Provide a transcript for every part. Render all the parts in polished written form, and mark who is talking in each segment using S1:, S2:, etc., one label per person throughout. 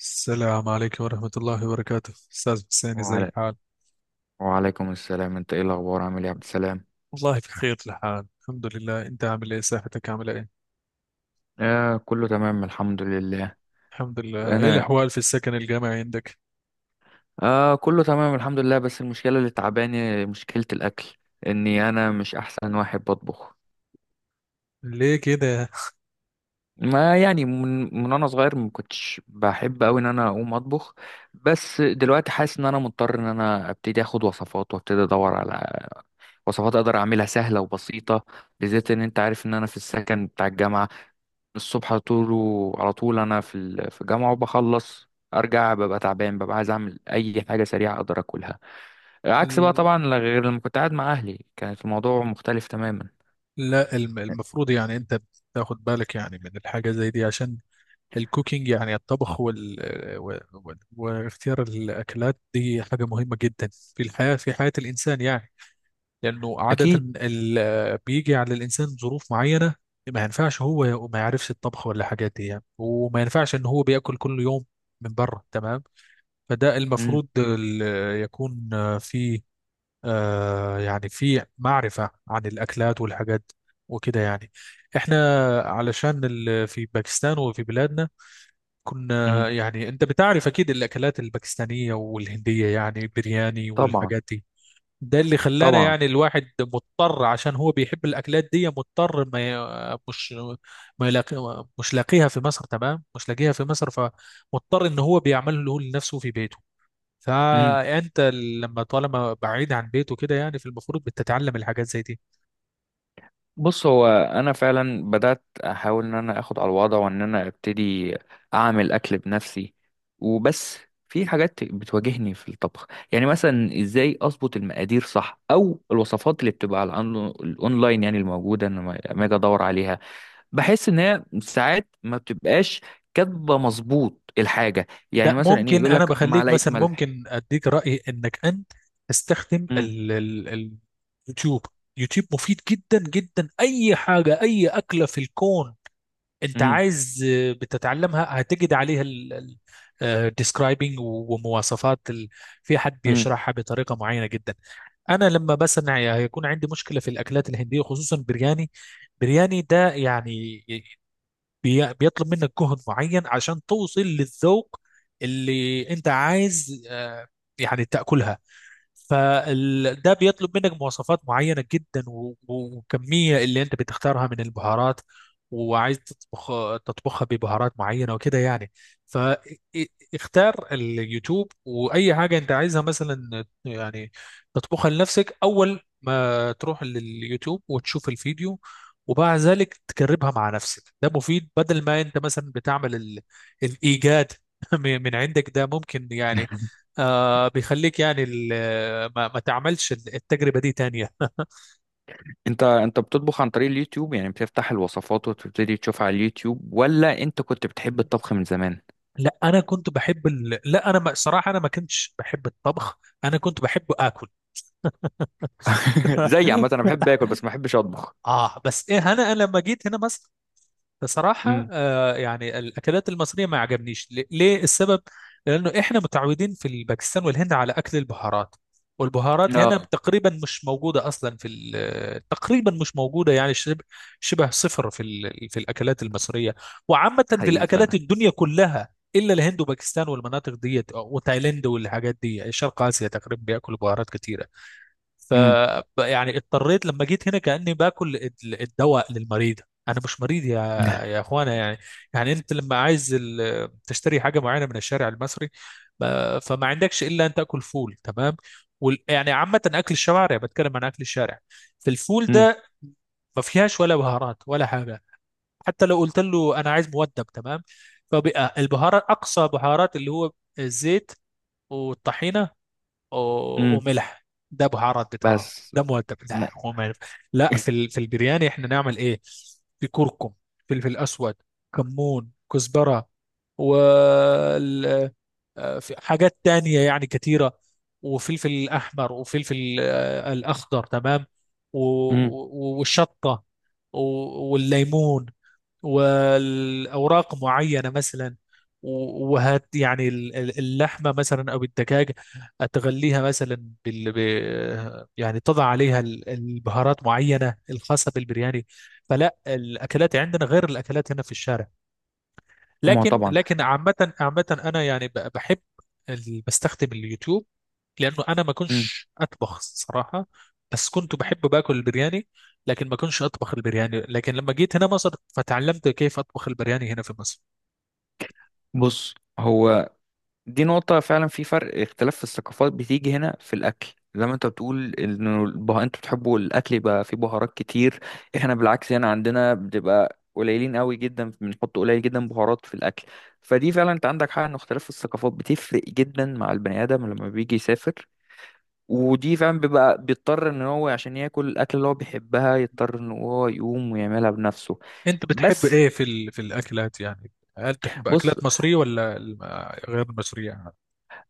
S1: السلام عليكم ورحمة الله وبركاته، أستاذ حسين. زي
S2: وعلى...
S1: الحال؟
S2: وعليكم السلام. انت ايه الاخبار؟ عامل ايه يا عبد السلام؟
S1: والله بخير الحال، الحمد لله. أنت عامل إيه؟ صحتك عاملة إيه؟
S2: آه، كله تمام الحمد لله.
S1: الحمد لله. إيه
S2: انا
S1: الأحوال في السكن الجامعي عندك؟
S2: آه، كله تمام الحمد لله، بس المشكله اللي تعباني مشكله الاكل. اني انا مش احسن واحد بطبخ.
S1: ليه كده؟
S2: ما يعني من انا صغير ما كنتش بحب قوي ان انا اقوم اطبخ. بس دلوقتي حاسس ان انا مضطر ان انا ابتدي اخد وصفات، وابتدي ادور على وصفات اقدر اعملها سهله وبسيطه. بالذات ان انت عارف ان انا في السكن بتاع الجامعه. الصبح على طول على طول انا في الجامعه، وبخلص ارجع ببقى تعبان، ببقى عايز اعمل اي حاجه سريعه اقدر اكلها. عكس بقى
S1: ال-
S2: طبعا، غير لما كنت قاعد مع اهلي كانت الموضوع مختلف تماما.
S1: لا، المفروض يعني أنت تاخد بالك يعني من الحاجة زي دي، عشان الكوكينج، يعني الطبخ واختيار الأكلات دي حاجة مهمة جدا في الحياة، في حياة الإنسان يعني. لأنه عادة
S2: اكيد.
S1: بيجي على الإنسان ظروف معينة، ما ينفعش هو ما يعرفش الطبخ ولا حاجات دي يعني، وما ينفعش إن هو بياكل كل يوم من بره، تمام. فده
S2: امم.
S1: المفروض يكون في، يعني في معرفة عن الأكلات والحاجات وكده يعني. احنا علشان في باكستان وفي بلادنا
S2: امم.
S1: كنا، يعني انت بتعرف اكيد الاكلات الباكستانية والهندية، يعني برياني
S2: طبعا.
S1: والحاجات دي. ده اللي خلانا
S2: طبعا.
S1: يعني الواحد مضطر، عشان هو بيحب الاكلات دي، مضطر ما ي- مش ما يلاقي، مش لاقيها في مصر، تمام. مش لاقيها في مصر، فمضطر ان هو بيعمله لنفسه في بيته. فانت لما طالما بعيد عن بيته كده، يعني في المفروض بتتعلم الحاجات زي دي.
S2: بص، هو انا فعلا بدات احاول ان انا اخد على الوضع، وان انا ابتدي اعمل اكل بنفسي. وبس، في حاجات بتواجهني في الطبخ، يعني مثلا ازاي اظبط المقادير صح، او الوصفات اللي بتبقى على الاونلاين يعني الموجوده، انا لما اجي ادور عليها بحس ان هي ساعات ما بتبقاش كاتبه مظبوط الحاجه. يعني
S1: ده
S2: مثلا ايه؟
S1: ممكن.
S2: يقول
S1: انا
S2: لك
S1: بخليك
S2: معلقه
S1: مثلا،
S2: ملح.
S1: ممكن اديك رايي انك انت تستخدم اليوتيوب. يوتيوب مفيد جدا جدا، اي حاجه، اي اكله في الكون انت
S2: امم.
S1: عايز، بتتعلمها، هتجد عليها الديسكرايبنج ومواصفات في حد
S2: امم.
S1: بيشرحها بطريقه معينه جدا. انا لما مثلا هيكون عندي مشكله في الاكلات الهنديه، خصوصا برياني. برياني ده يعني بيطلب منك جهد معين عشان توصل للذوق اللي انت عايز، يعني تاكلها. فده بيطلب منك مواصفات معينة جدا، وكمية اللي انت بتختارها من البهارات، وعايز تطبخها ببهارات معينة وكده يعني. فاختار اليوتيوب، وأي حاجة انت عايزها مثلا يعني تطبخها لنفسك. أول ما تروح لليوتيوب وتشوف الفيديو، وبعد ذلك تجربها مع نفسك، ده مفيد. بدل ما انت مثلا بتعمل الإيجاد من عندك، ده ممكن يعني بيخليك يعني ما تعملش التجربة دي تانية.
S2: انت بتطبخ عن طريق اليوتيوب؟ يعني بتفتح الوصفات وتبتدي تشوفها على اليوتيوب، ولا انت كنت بتحب الطبخ من زمان؟
S1: لا، أنا كنت بحب ال... لا أنا ما... صراحة أنا ما كنتش بحب الطبخ، أنا كنت بحب آكل.
S2: زي عامه انا بحب اكل، بس ما بحبش اطبخ.
S1: بس إيه، أنا لما جيت هنا مثلا، بصراحة،
S2: امم.
S1: يعني الأكلات المصرية ما عجبنيش. ليه السبب؟ لأنه إحنا متعودين في الباكستان والهند على أكل البهارات، والبهارات هنا
S2: اه.
S1: تقريبا مش موجودة أصلا في تقريبا مش موجودة، يعني شبه صفر في في الأكلات المصرية. وعامة في
S2: حقيقي
S1: الأكلات
S2: فعلا.
S1: الدنيا كلها، إلا الهند وباكستان والمناطق ديت وتايلاند والحاجات دي. شرق آسيا تقريبا بياكلوا بهارات كتيرة. ف
S2: امم.
S1: يعني اضطريت لما جيت هنا كأني باكل الدواء للمريض. انا مش مريض يا اخوانا يعني. يعني انت لما عايز تشتري حاجه معينه من الشارع المصري، فما عندكش الا ان تاكل فول، تمام. يعني عامه، اكل الشوارع، بتكلم عن اكل الشارع. فالفول
S2: امم.
S1: ده ما فيهاش ولا بهارات ولا حاجه. حتى لو قلت له انا عايز مودب، تمام. فبقى البهارات، اقصى بهارات اللي هو الزيت والطحينه
S2: امم.
S1: وملح. ده بهارات بتاعها؟
S2: بس،
S1: ده مؤدب؟
S2: م...
S1: لا، هو ما ينفع. لا، في في البرياني احنا نعمل ايه؟ في كركم، فلفل اسود، كمون، كزبره، وال... في حاجات تانية يعني كتيرة. وفلفل أحمر، وفلفل الأخضر، تمام.
S2: امم.
S1: والشطة والليمون، والاوراق معينه مثلا. وهت يعني اللحمه مثلا او الدجاج، تغليها مثلا يعني تضع عليها البهارات معينه الخاصه بالبرياني. فلا الاكلات عندنا غير الاكلات هنا في الشارع.
S2: ما هو
S1: لكن
S2: طبعا.
S1: لكن عامة أنا يعني بحب بستخدم اليوتيوب، لأنه أنا ما
S2: امم.
S1: كنتش أطبخ صراحة. بس كنت بحب باكل البرياني، لكن ما كنتش أطبخ البرياني، لكن لما جيت هنا مصر فتعلمت كيف أطبخ البرياني هنا في مصر.
S2: بص، هو دي نقطة فعلا، في فرق اختلاف في الثقافات بتيجي هنا في الأكل. زي ما انت بتقول انه انتوا بتحبوا الأكل يبقى فيه بهارات كتير. احنا بالعكس، هنا عندنا بتبقى قليلين قوي جدا، بنحط قليل جدا بهارات في الأكل. فدي فعلا، انت عندك حق ان اختلاف في الثقافات بتفرق جدا مع البني آدم لما بيجي يسافر. ودي فعلا بيبقى بيضطر ان هو عشان ياكل الأكل اللي هو بيحبها، يضطر ان هو يقوم ويعملها بنفسه.
S1: أنت بتحب
S2: بس.
S1: إيه في في الأكلات يعني؟ هل تحب
S2: بص،
S1: أكلات مصرية ولا غير مصرية؟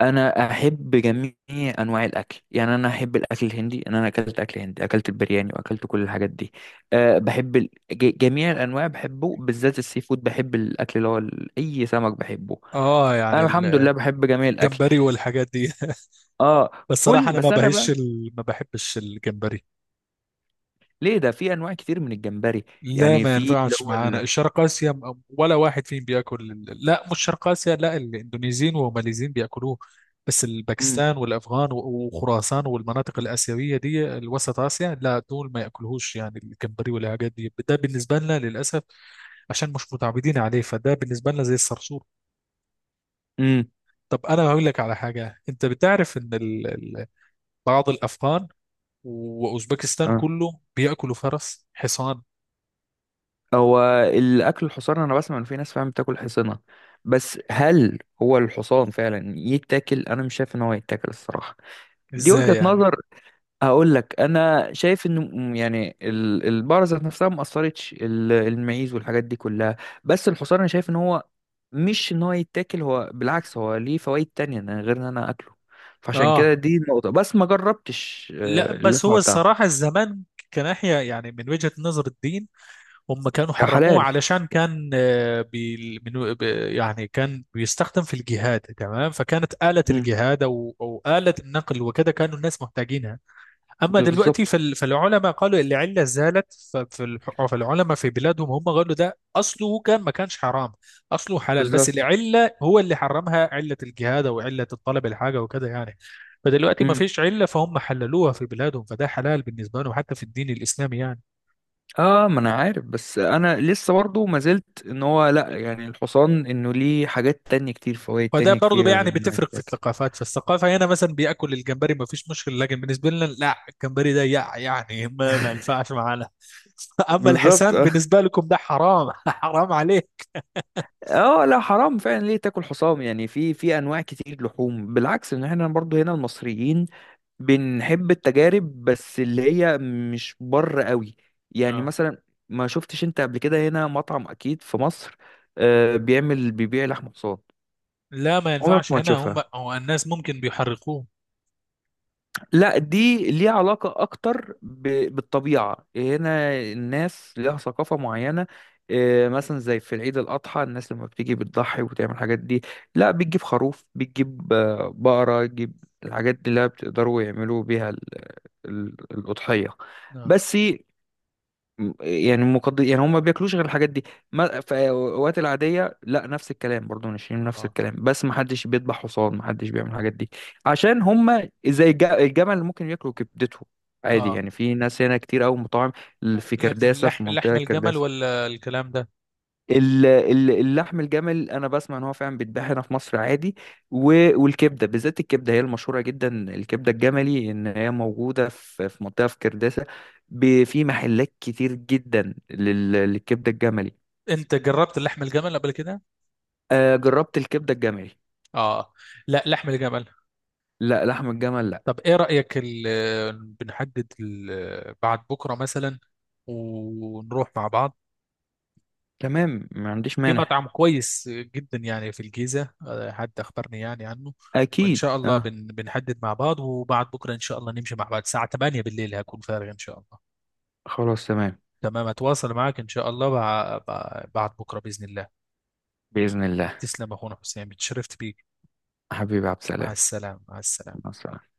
S2: انا احب جميع انواع الاكل، يعني انا احب الاكل الهندي. انا اكلت اكل هندي، اكلت البرياني، واكلت كل الحاجات دي. أه، بحب جميع الانواع بحبه، بالذات السي فود، بحب الاكل اللي هو اي سمك بحبه.
S1: آه
S2: انا
S1: يعني
S2: الحمد لله بحب جميع الاكل.
S1: الجمبري والحاجات دي.
S2: اه.
S1: بس صراحة
S2: كل.
S1: أنا ما
S2: بس انا
S1: بهش
S2: بقى،
S1: ال... ما بحبش الجمبري.
S2: ليه ده؟ في انواع كتير من الجمبري.
S1: لا
S2: يعني
S1: ما
S2: في اللي
S1: ينفعش
S2: هو
S1: معانا الشرق آسيا، ولا واحد فيهم بياكل لا مش شرق آسيا، لا. الاندونيسيين والماليزيين بياكلوه. بس
S2: امم.
S1: الباكستان والأفغان وخراسان والمناطق الآسيوية دي، الوسط آسيا، لا دول ما ياكلوهوش يعني الجمبري والحاجات دي. ده بالنسبة لنا للأسف عشان مش متعودين عليه، فده بالنسبة لنا زي الصرصور.
S2: امم.
S1: طب أنا هقول لك على حاجة. أنت بتعرف إن بعض الأفغان وأوزبكستان
S2: اه.
S1: كله بياكلوا فرس حصان؟
S2: هو الاكل الحصان، انا بسمع ان في ناس فعلا بتاكل حصانه. بس هل هو الحصان فعلا يتاكل؟ انا مش شايف ان هو يتاكل الصراحه. دي
S1: إزاي
S2: وجهة
S1: يعني؟
S2: نظر. هقول لك انا شايف انه يعني البقرة ذات نفسها ما اثرتش المعيز والحاجات دي كلها. بس الحصان انا شايف ان هو مش ان هو يتاكل، هو بالعكس هو ليه فوائد تانية، إن غير ان انا اكله. فعشان كده
S1: اه.
S2: دي النقطة، بس ما جربتش
S1: لا، بس هو
S2: اللحمة بتاعته.
S1: الصراحة الزمان، كناحية يعني من وجهة نظر الدين، هم كانوا
S2: يا
S1: حرموه
S2: حلال.
S1: علشان كان، يعني كان بيستخدم في الجهاد، تمام. فكانت آلة
S2: مم.
S1: الجهاد، أو آلة النقل وكذا، كانوا الناس محتاجينها. اما دلوقتي
S2: بالظبط.
S1: فالعلماء قالوا العله زالت. فالعلماء في بلادهم هم قالوا ده اصله كان ما كانش حرام، اصله حلال، بس
S2: بالظبط.
S1: العله هو اللي حرمها، عله الجهاد او عله الطلب الحاجه وكده يعني. فدلوقتي ما
S2: مم.
S1: فيش عله، فهم حللوها في بلادهم، فده حلال بالنسبه لهم حتى في الدين الاسلامي يعني.
S2: اه، ما انا عارف، بس انا لسه برضه ما زلت ان هو لا، يعني الحصان انه ليه حاجات تانية كتير، فوائد
S1: فده
S2: تانية
S1: برضه
S2: كتير
S1: يعني
S2: انه
S1: بتفرق في
S2: يتاكل.
S1: الثقافات. فالثقافه هنا مثلا بياكل الجمبري ما فيش مشكله، لكن بالنسبه لنا لا، الجمبري ده يعني ما ينفعش معانا. اما
S2: بالظبط.
S1: الحسان
S2: اه.
S1: بالنسبه لكم ده حرام. حرام عليه.
S2: آه، لا حرام فعلا، ليه تاكل حصان يعني؟ في انواع كتير لحوم، بالعكس ان احنا برضو هنا المصريين بنحب التجارب، بس اللي هي مش بر قوي. يعني مثلا، ما شفتش انت قبل كده هنا مطعم اكيد في مصر بيبيع لحم حصان؟
S1: لا ما
S2: عمرك
S1: ينفعش
S2: ما
S1: هنا، هم
S2: هتشوفها.
S1: هو الناس ممكن بيحرقوه.
S2: لا، دي ليها علاقة أكتر بالطبيعة، هنا الناس ليها ثقافة معينة. مثلا زي في العيد الأضحى، الناس لما بتيجي بتضحي وتعمل الحاجات دي. لا بتجيب خروف، بتجيب بقرة، تجيب الحاجات دي اللي بتقدروا يعملوا بيها الأضحية.
S1: نعم.
S2: بس، يعني يعني هم ما بياكلوش غير الحاجات دي. ما... في الاوقات العاديه لا نفس الكلام، برضو ناشفين نفس
S1: اه،
S2: الكلام، بس ما حدش بيذبح حصان، ما حدش بيعمل الحاجات دي. عشان هم زي الجمل، اللي ممكن ياكلوا كبدته. عادي
S1: اه،
S2: يعني، في ناس هنا كتير قوي مطاعم. في
S1: لكن
S2: كرداسه، في
S1: لحم
S2: منطقه
S1: الجمل
S2: كرداسه.
S1: ولا الكلام ده؟
S2: اللحم الجمل انا بسمع ان هو فعلا بيتباع هنا في مصر عادي. والكبده، بالذات الكبده هي المشهوره جدا. الكبده الجملي ان هي موجوده في منطقه في كرداسه. في محلات كتير جدا، للكبده الجملي.
S1: انت جربت لحم الجمل قبل كده؟
S2: آه، جربت الكبده الجملي.
S1: اه. لا، لحم الجمل.
S2: لا، لحم الجمل لا.
S1: طب ايه رأيك بنحدد بعد بكرة مثلا ونروح مع بعض
S2: تمام، ما عنديش
S1: في
S2: مانع.
S1: مطعم كويس جدا يعني في الجيزة، حد اخبرني يعني عنه. وان
S2: اكيد،
S1: شاء الله
S2: اه.
S1: بنحدد مع بعض، وبعد بكرة ان شاء الله نمشي مع بعض الساعة 8 بالليل، هكون فارغ ان شاء الله.
S2: خلاص تمام.
S1: تمام، اتواصل معاك ان شاء الله بعد بكره باذن الله.
S2: باذن الله.
S1: تسلم يا اخونا حسين، اتشرفت بيك.
S2: حبيبي عبد
S1: مع
S2: السلام.
S1: السلامه، مع
S2: مع
S1: السلامه.
S2: السلامه.